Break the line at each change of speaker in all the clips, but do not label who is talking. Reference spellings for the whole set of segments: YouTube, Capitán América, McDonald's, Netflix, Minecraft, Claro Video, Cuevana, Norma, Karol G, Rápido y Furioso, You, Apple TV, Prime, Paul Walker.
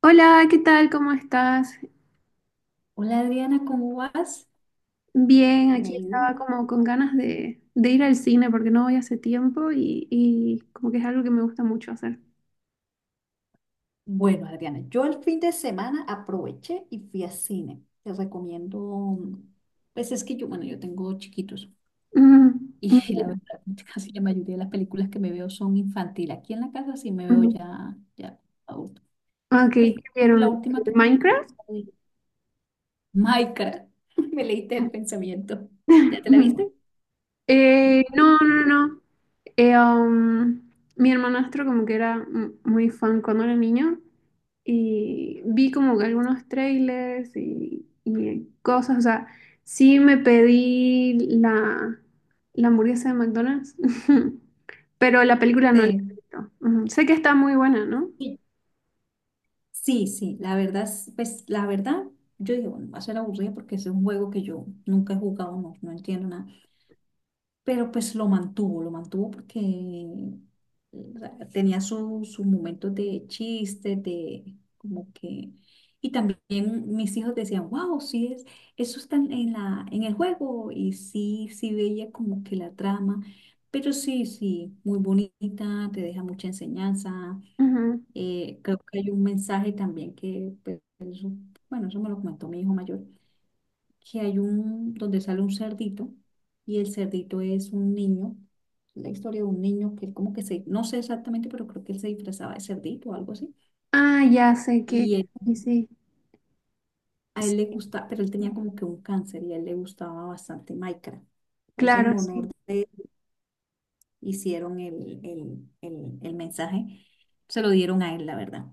Hola, ¿qué tal? ¿Cómo estás?
Hola Adriana, ¿cómo vas?
Bien,
¿Te ha
aquí
ido?
estaba como con ganas de ir al cine porque no voy hace tiempo y como que es algo que me gusta mucho hacer.
Bueno, Adriana, yo el fin de semana aproveché y fui a cine. Te recomiendo, pues es que yo, bueno, yo tengo chiquitos
Ujú,
y la
ujú,
verdad, casi la mayoría de las películas que me veo son infantil. Aquí en la casa sí me veo
ujú.
ya, ya adulto.
Ok, ¿qué
Pero la
vieron?
última que me
¿Minecraft?
vi, Minecraft, me leíste el pensamiento. ¿Ya te la
Ujú.
viste?
No. Eh, um, Mi hermanastro como que era muy fan cuando era niño y vi como que algunos trailers y cosas. O sea, sí me pedí la hamburguesa de McDonald's, pero la película no la he
Sí.
visto. Ujú. Sé que está muy buena, ¿no?
Y Sí, sí, la verdad, pues la verdad, yo dije, bueno, va a ser aburrido porque es un juego que yo nunca he jugado, no, no entiendo nada, pero pues lo mantuvo porque, o sea, tenía sus momentos de chiste, de como que... Y también mis hijos decían, wow, sí, es, eso está en el juego y sí, sí veía como que la trama, pero sí, sí, muy bonita, te deja mucha enseñanza.
Ujú.
Creo que hay un mensaje también que, pues, bueno, eso me lo comentó mi hijo mayor, que hay un, donde sale un cerdito y el cerdito es un niño, la historia de un niño que él como que se, no sé exactamente, pero creo que él se disfrazaba de cerdito o algo así.
Ah, ya sé que,
Y él-
sí, sí.
a él le
Sí,
gustaba, pero él tenía como que un cáncer y a él le gustaba bastante Minecraft. Entonces, en
claro,
honor
sí.
de él, hicieron el mensaje, se lo dieron a él, la verdad.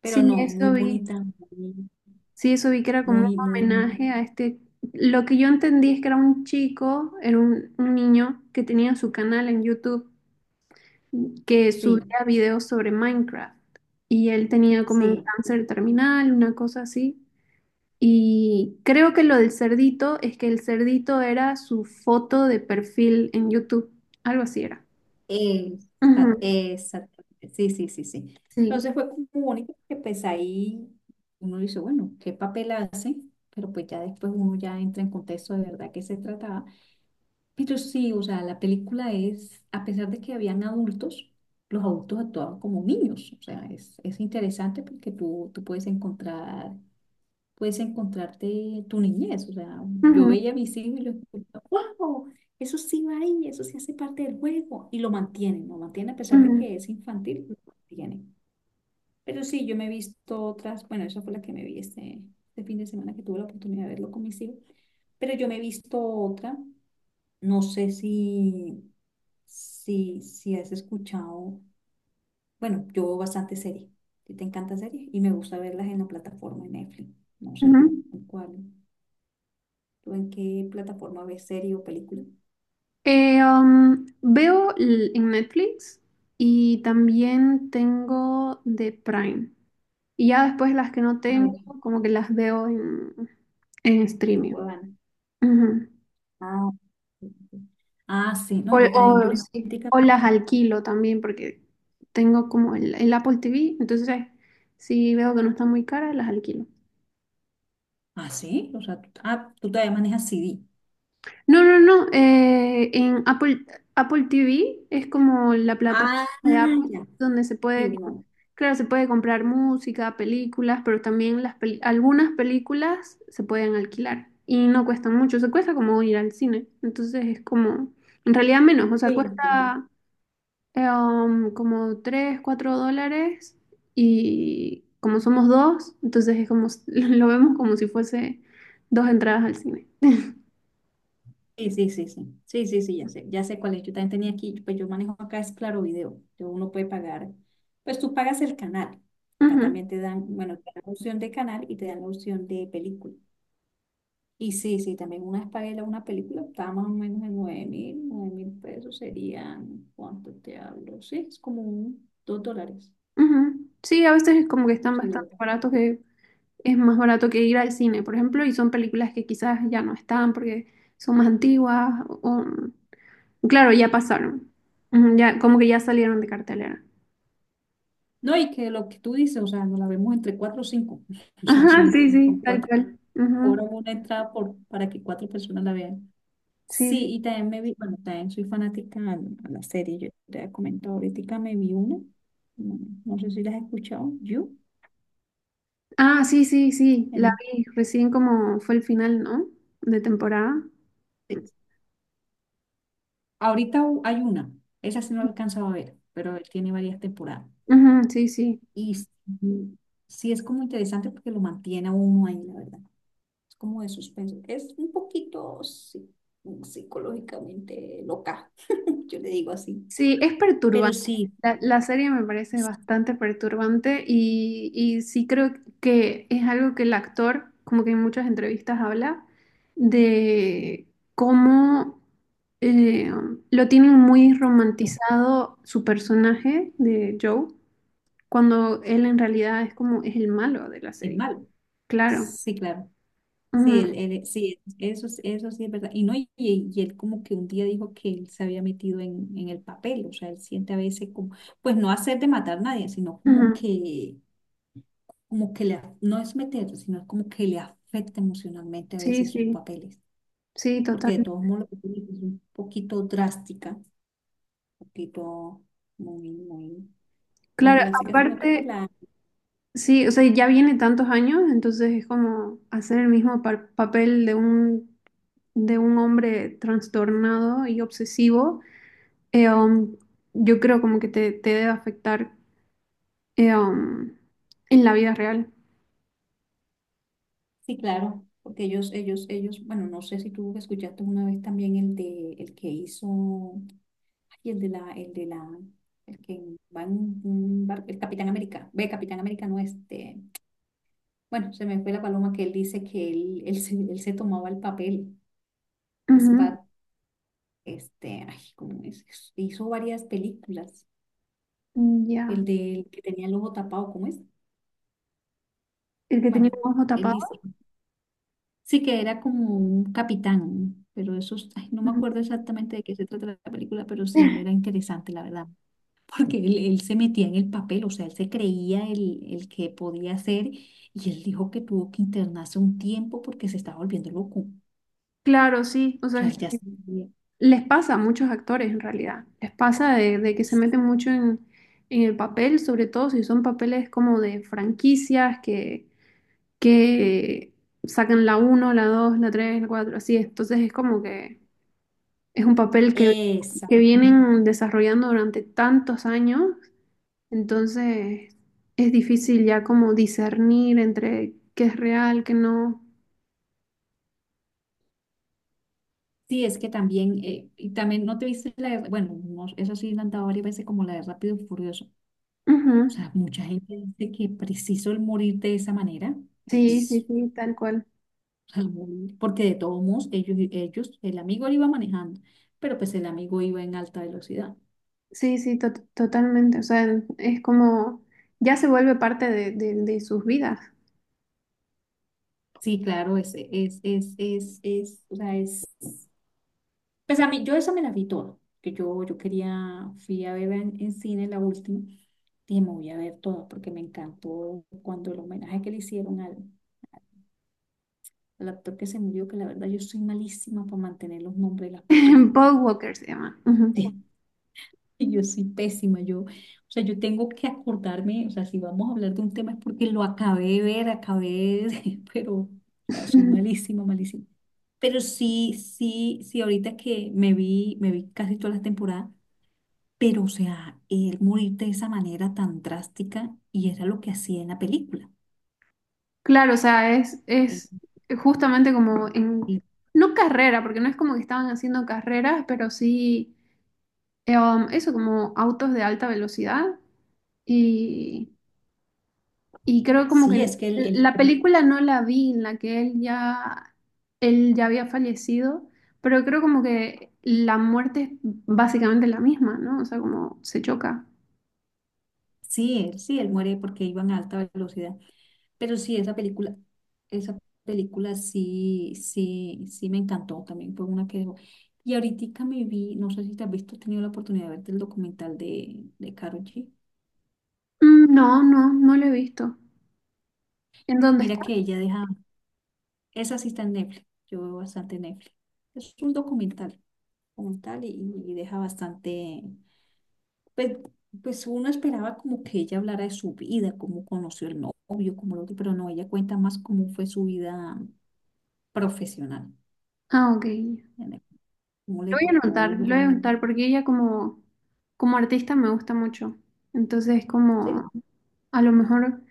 Pero
Sí,
no, muy
eso vi.
bonita, muy,
Sí, eso vi que era como un
muy, muy,
homenaje a este. Lo que yo entendí es que era un chico, era un niño que tenía su canal en YouTube que
sí.
subía videos sobre Minecraft y él tenía como un
Sí,
cáncer terminal, una cosa así. Y creo que lo del cerdito es que el cerdito era su foto de perfil en YouTube, algo así era. Ujú.
exactamente. Sí, sí, sí, sí.
Sí.
Entonces fue como único que pues ahí uno dice, bueno, ¿qué papel hace? Pero pues ya después uno ya entra en contexto de verdad que se trataba. Pero sí, o sea, la película es, a pesar de que habían adultos, los adultos actuaban como niños. O sea, es interesante porque tú puedes encontrarte tu niñez. O sea, yo
Ujú,
veía mis hijos y yo escuchaba, wow, eso sí va ahí, eso sí hace parte del juego. Y lo mantienen a pesar
ujú,
de que es infantil, lo mantienen. Pero sí, yo me he visto otras, bueno, esa fue la que me vi este fin de semana que tuve la oportunidad de verlo con mis hijos. Pero yo me he visto otra, no sé si, si, si has escuchado, bueno, yo veo bastante series. Si te encantan series y me gusta verlas en la plataforma de Netflix. No sé
ujú.
tú en cuál. ¿Tú en qué plataforma ves serie o película?
Veo en Netflix y también tengo de Prime. Y ya después las que no
A
tengo,
ver.
como que las veo en streaming.
Cuevana.
Ujú.
Ah, ok. Ok. Ah, sí,
O,
no, yo también,
sí, o las alquilo también porque tengo como el Apple TV. Entonces, si veo que no están muy caras, las alquilo.
Ah, sí, o sea, tú todavía manejas CD.
No, no, no. En Apple, Apple TV es como la plataforma
Ah,
de Apple
ya.
donde se
Sí,
puede,
uno.
claro, se puede comprar música, películas, pero también algunas películas se pueden alquilar y no cuestan mucho. Se cuesta como ir al cine. Entonces es como, en realidad menos. O sea,
Sí, sí.
cuesta como 3, 4 dólares y como somos dos, entonces es como, lo vemos como si fuese dos entradas al cine.
Sí, sí, sí, sí, sí, sí, sí, ya sé cuál es. Yo también tenía aquí, pues yo manejo acá es Claro Video. Yo uno puede pagar, pues tú pagas el canal. Acá
Ujú.
también te dan, bueno, te dan la opción de canal y te dan la opción de película. Y sí, sí, también una vez pagué una película, estaba más o menos en 9.000 pesos serían, ¿cuánto te hablo? Sí, es como un, $2,
Ujú. Sí, a veces es como que están
sí,
bastante
$2.
baratos, que es más barato que ir al cine, por ejemplo, y son películas que quizás ya no están porque son más antiguas o. Claro, ya pasaron. Ujú, ya, como que ya salieron de cartelera.
No, y que lo que tú dices, o sea, nos la vemos entre 4 o 5 o sea,
Ajá,
son,
sí, sí,
son
tal
cuatro,
cual. Ujú.
cobran una entrada para que 4 personas la vean.
Sí,
Sí,
sí.
y también me vi, bueno, también soy fanática a la serie, yo te había comentado ahorita, me vi una, no, no sé si la has escuchado, You,
Ah, sí, sí, sí, la
en
vi recién como fue el final, ¿no? De temporada.
Netflix. Ahorita hay una, esa sí no la he alcanzado a ver, pero él tiene varias temporadas.
Ujú, sí, sí.
Y sí, sí es como interesante porque lo mantiene a uno ahí, la verdad. Es como de suspenso. Es un poquito psicológicamente loca, yo le digo así.
Sí, es
Pero
perturbante.
sí,
La serie me parece
sí,
bastante perturbante y sí creo que es algo que el actor, como que en muchas entrevistas habla, de cómo eh, lo tienen muy romantizado su personaje de Joe, cuando él en realidad es como es el malo de la
es
serie.
malo.
Claro.
Sí, claro. Sí,
Ujú,
sí, eso sí es verdad. Y no, y él como que un día dijo que él se había metido en el papel, o sea, él siente a veces como, pues no hacer de matar a nadie, sino
ujú.
como que le, no es meter, sino como que le afecta emocionalmente a
Sí,
veces sus
sí,
papeles,
sí,
porque
total.
de todos modos lo que tú dices es un poquito drástica, un poquito muy, muy, muy
Claro,
drástica, sino que pues
aparte...
la,
Sí, o sea, ya viene tantos años, entonces es como hacer el mismo papel de un hombre trastornado y obsesivo. eh, um, yo creo como que te debe afectar eh, um, en la vida real.
sí, claro, porque ellos, bueno, no sé si tú escuchaste una vez también el de, el que hizo, ay, el de la, el de la, el que va en un barco, el Capitán América, ve, Capitán América no, este, bueno, se me fue la paloma que él dice que él se tomaba el papel, es
Ujú.
este, ay, ¿cómo es? Hizo varias películas.
Ya.
El del que tenía el ojo tapado, ¿cómo es?
El que tenía
Bueno,
un ojo
él
tapado.
dice, sí que era como un capitán, pero eso, ay, no me
Ujú.
acuerdo exactamente de qué se trata la película, pero sí era interesante, la verdad, porque él se metía en el papel, o sea, él se creía el que podía ser, y él dijo que tuvo que internarse un tiempo porque se estaba volviendo loco. O
Claro, sí. O sea,
sea, él ya se...
les pasa a muchos actores en realidad. Les pasa de que se meten mucho en el papel, sobre todo si son papeles como de franquicias que sacan la uno la 2 la 3 la 4 así. Entonces es como que es un papel que
Exacto.
vienen desarrollando durante tantos años, entonces es difícil ya como discernir entre qué es real, qué no.
Sí, es que también, y también no te viste bueno, no, eso sí la han dado varias veces como la de Rápido y Furioso. O
Ujú.
sea, mucha gente dice que preciso el morir de esa manera
Sí, sí,
es, o
sí, tal cual.
sea, morir, porque de todos modos ellos, el amigo lo iba manejando, pero pues el amigo iba en alta velocidad.
Sí, totalmente. O sea, es como ya se vuelve parte de, de sus vidas.
Sí, claro, es, o sea, es, pues a mí, yo esa me la vi toda, que yo quería, fui a ver en cine la última. Dije, me voy a ver todo porque me encantó cuando el homenaje que le hicieron al actor que se murió, que la verdad yo soy malísima para mantener los nombres de las personas.
Paul Walker se llama. Ujú.
Yo soy pésima, yo, o sea, yo tengo que acordarme, o sea, si vamos a hablar de un tema es porque lo acabé de ver, pero, o sea, soy malísima, malísima. Pero sí, sí, sí, ahorita que me vi, casi todas las temporadas, pero, o sea, él morir de esa manera tan drástica y era lo que hacía en la película.
Claro, o sea, es
Él-
justamente como en,
él-
no carrera, porque no es como que estaban haciendo carreras, pero sí, eso, como autos de alta velocidad. Y, y creo como
sí,
que
es que
la película no la vi en la que él ya había fallecido, pero creo como que la muerte es básicamente la misma, ¿no? O sea, como se choca.
sí, sí, él muere porque iban a alta velocidad. Pero sí, esa película sí, sí, sí me encantó también, fue una que dejó. Y ahorita me vi, no sé si te has visto, has tenido la oportunidad de verte el documental de Karol G.
No, no, no lo he visto. ¿En dónde
Mira
está?
que ella deja, esa sí está en Netflix, yo veo bastante Netflix. Es un documental, como tal y deja bastante, pues, pues uno esperaba como que ella hablara de su vida, cómo conoció el novio, cómo lo que, pero no, ella cuenta más cómo fue su vida profesional,
Ah, ok.
cómo le
Lo voy a
tocó
anotar, lo voy a
duro.
anotar porque ella como, como artista me gusta mucho. Entonces,
Sí,
como a lo mejor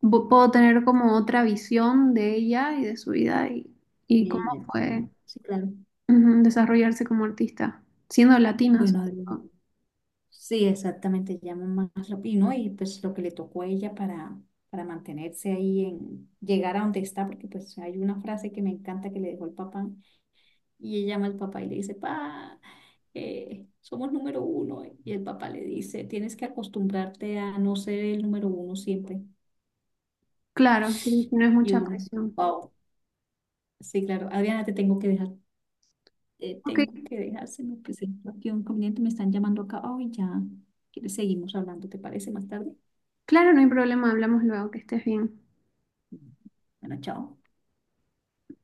puedo tener como otra visión de ella y de su vida y cómo
ella,
fue
sí, sí, claro.
ujú, desarrollarse como artista, siendo latina
Bueno,
sobre
Adriana,
todo.
sí, exactamente, llama más rápido, ¿no? Y pues lo que le tocó a ella para mantenerse ahí en llegar a donde está, porque pues hay una frase que me encanta que le dejó el papá, y ella llama al papá y le dice, pa, somos número uno, y el papá le dice, tienes que acostumbrarte a no ser el número uno siempre,
Claro, no es
y
mucha
uno,
presión.
wow, sí, claro, Adriana, te tengo que dejar. eh,
Ok,
tengo que dejárselo, pues tengo aquí un conveniente, me están llamando acá. Ay, ya, ¿quieres seguimos hablando? ¿Te parece más tarde?
claro, no hay problema, hablamos luego, que estés bien.
Bueno, chao.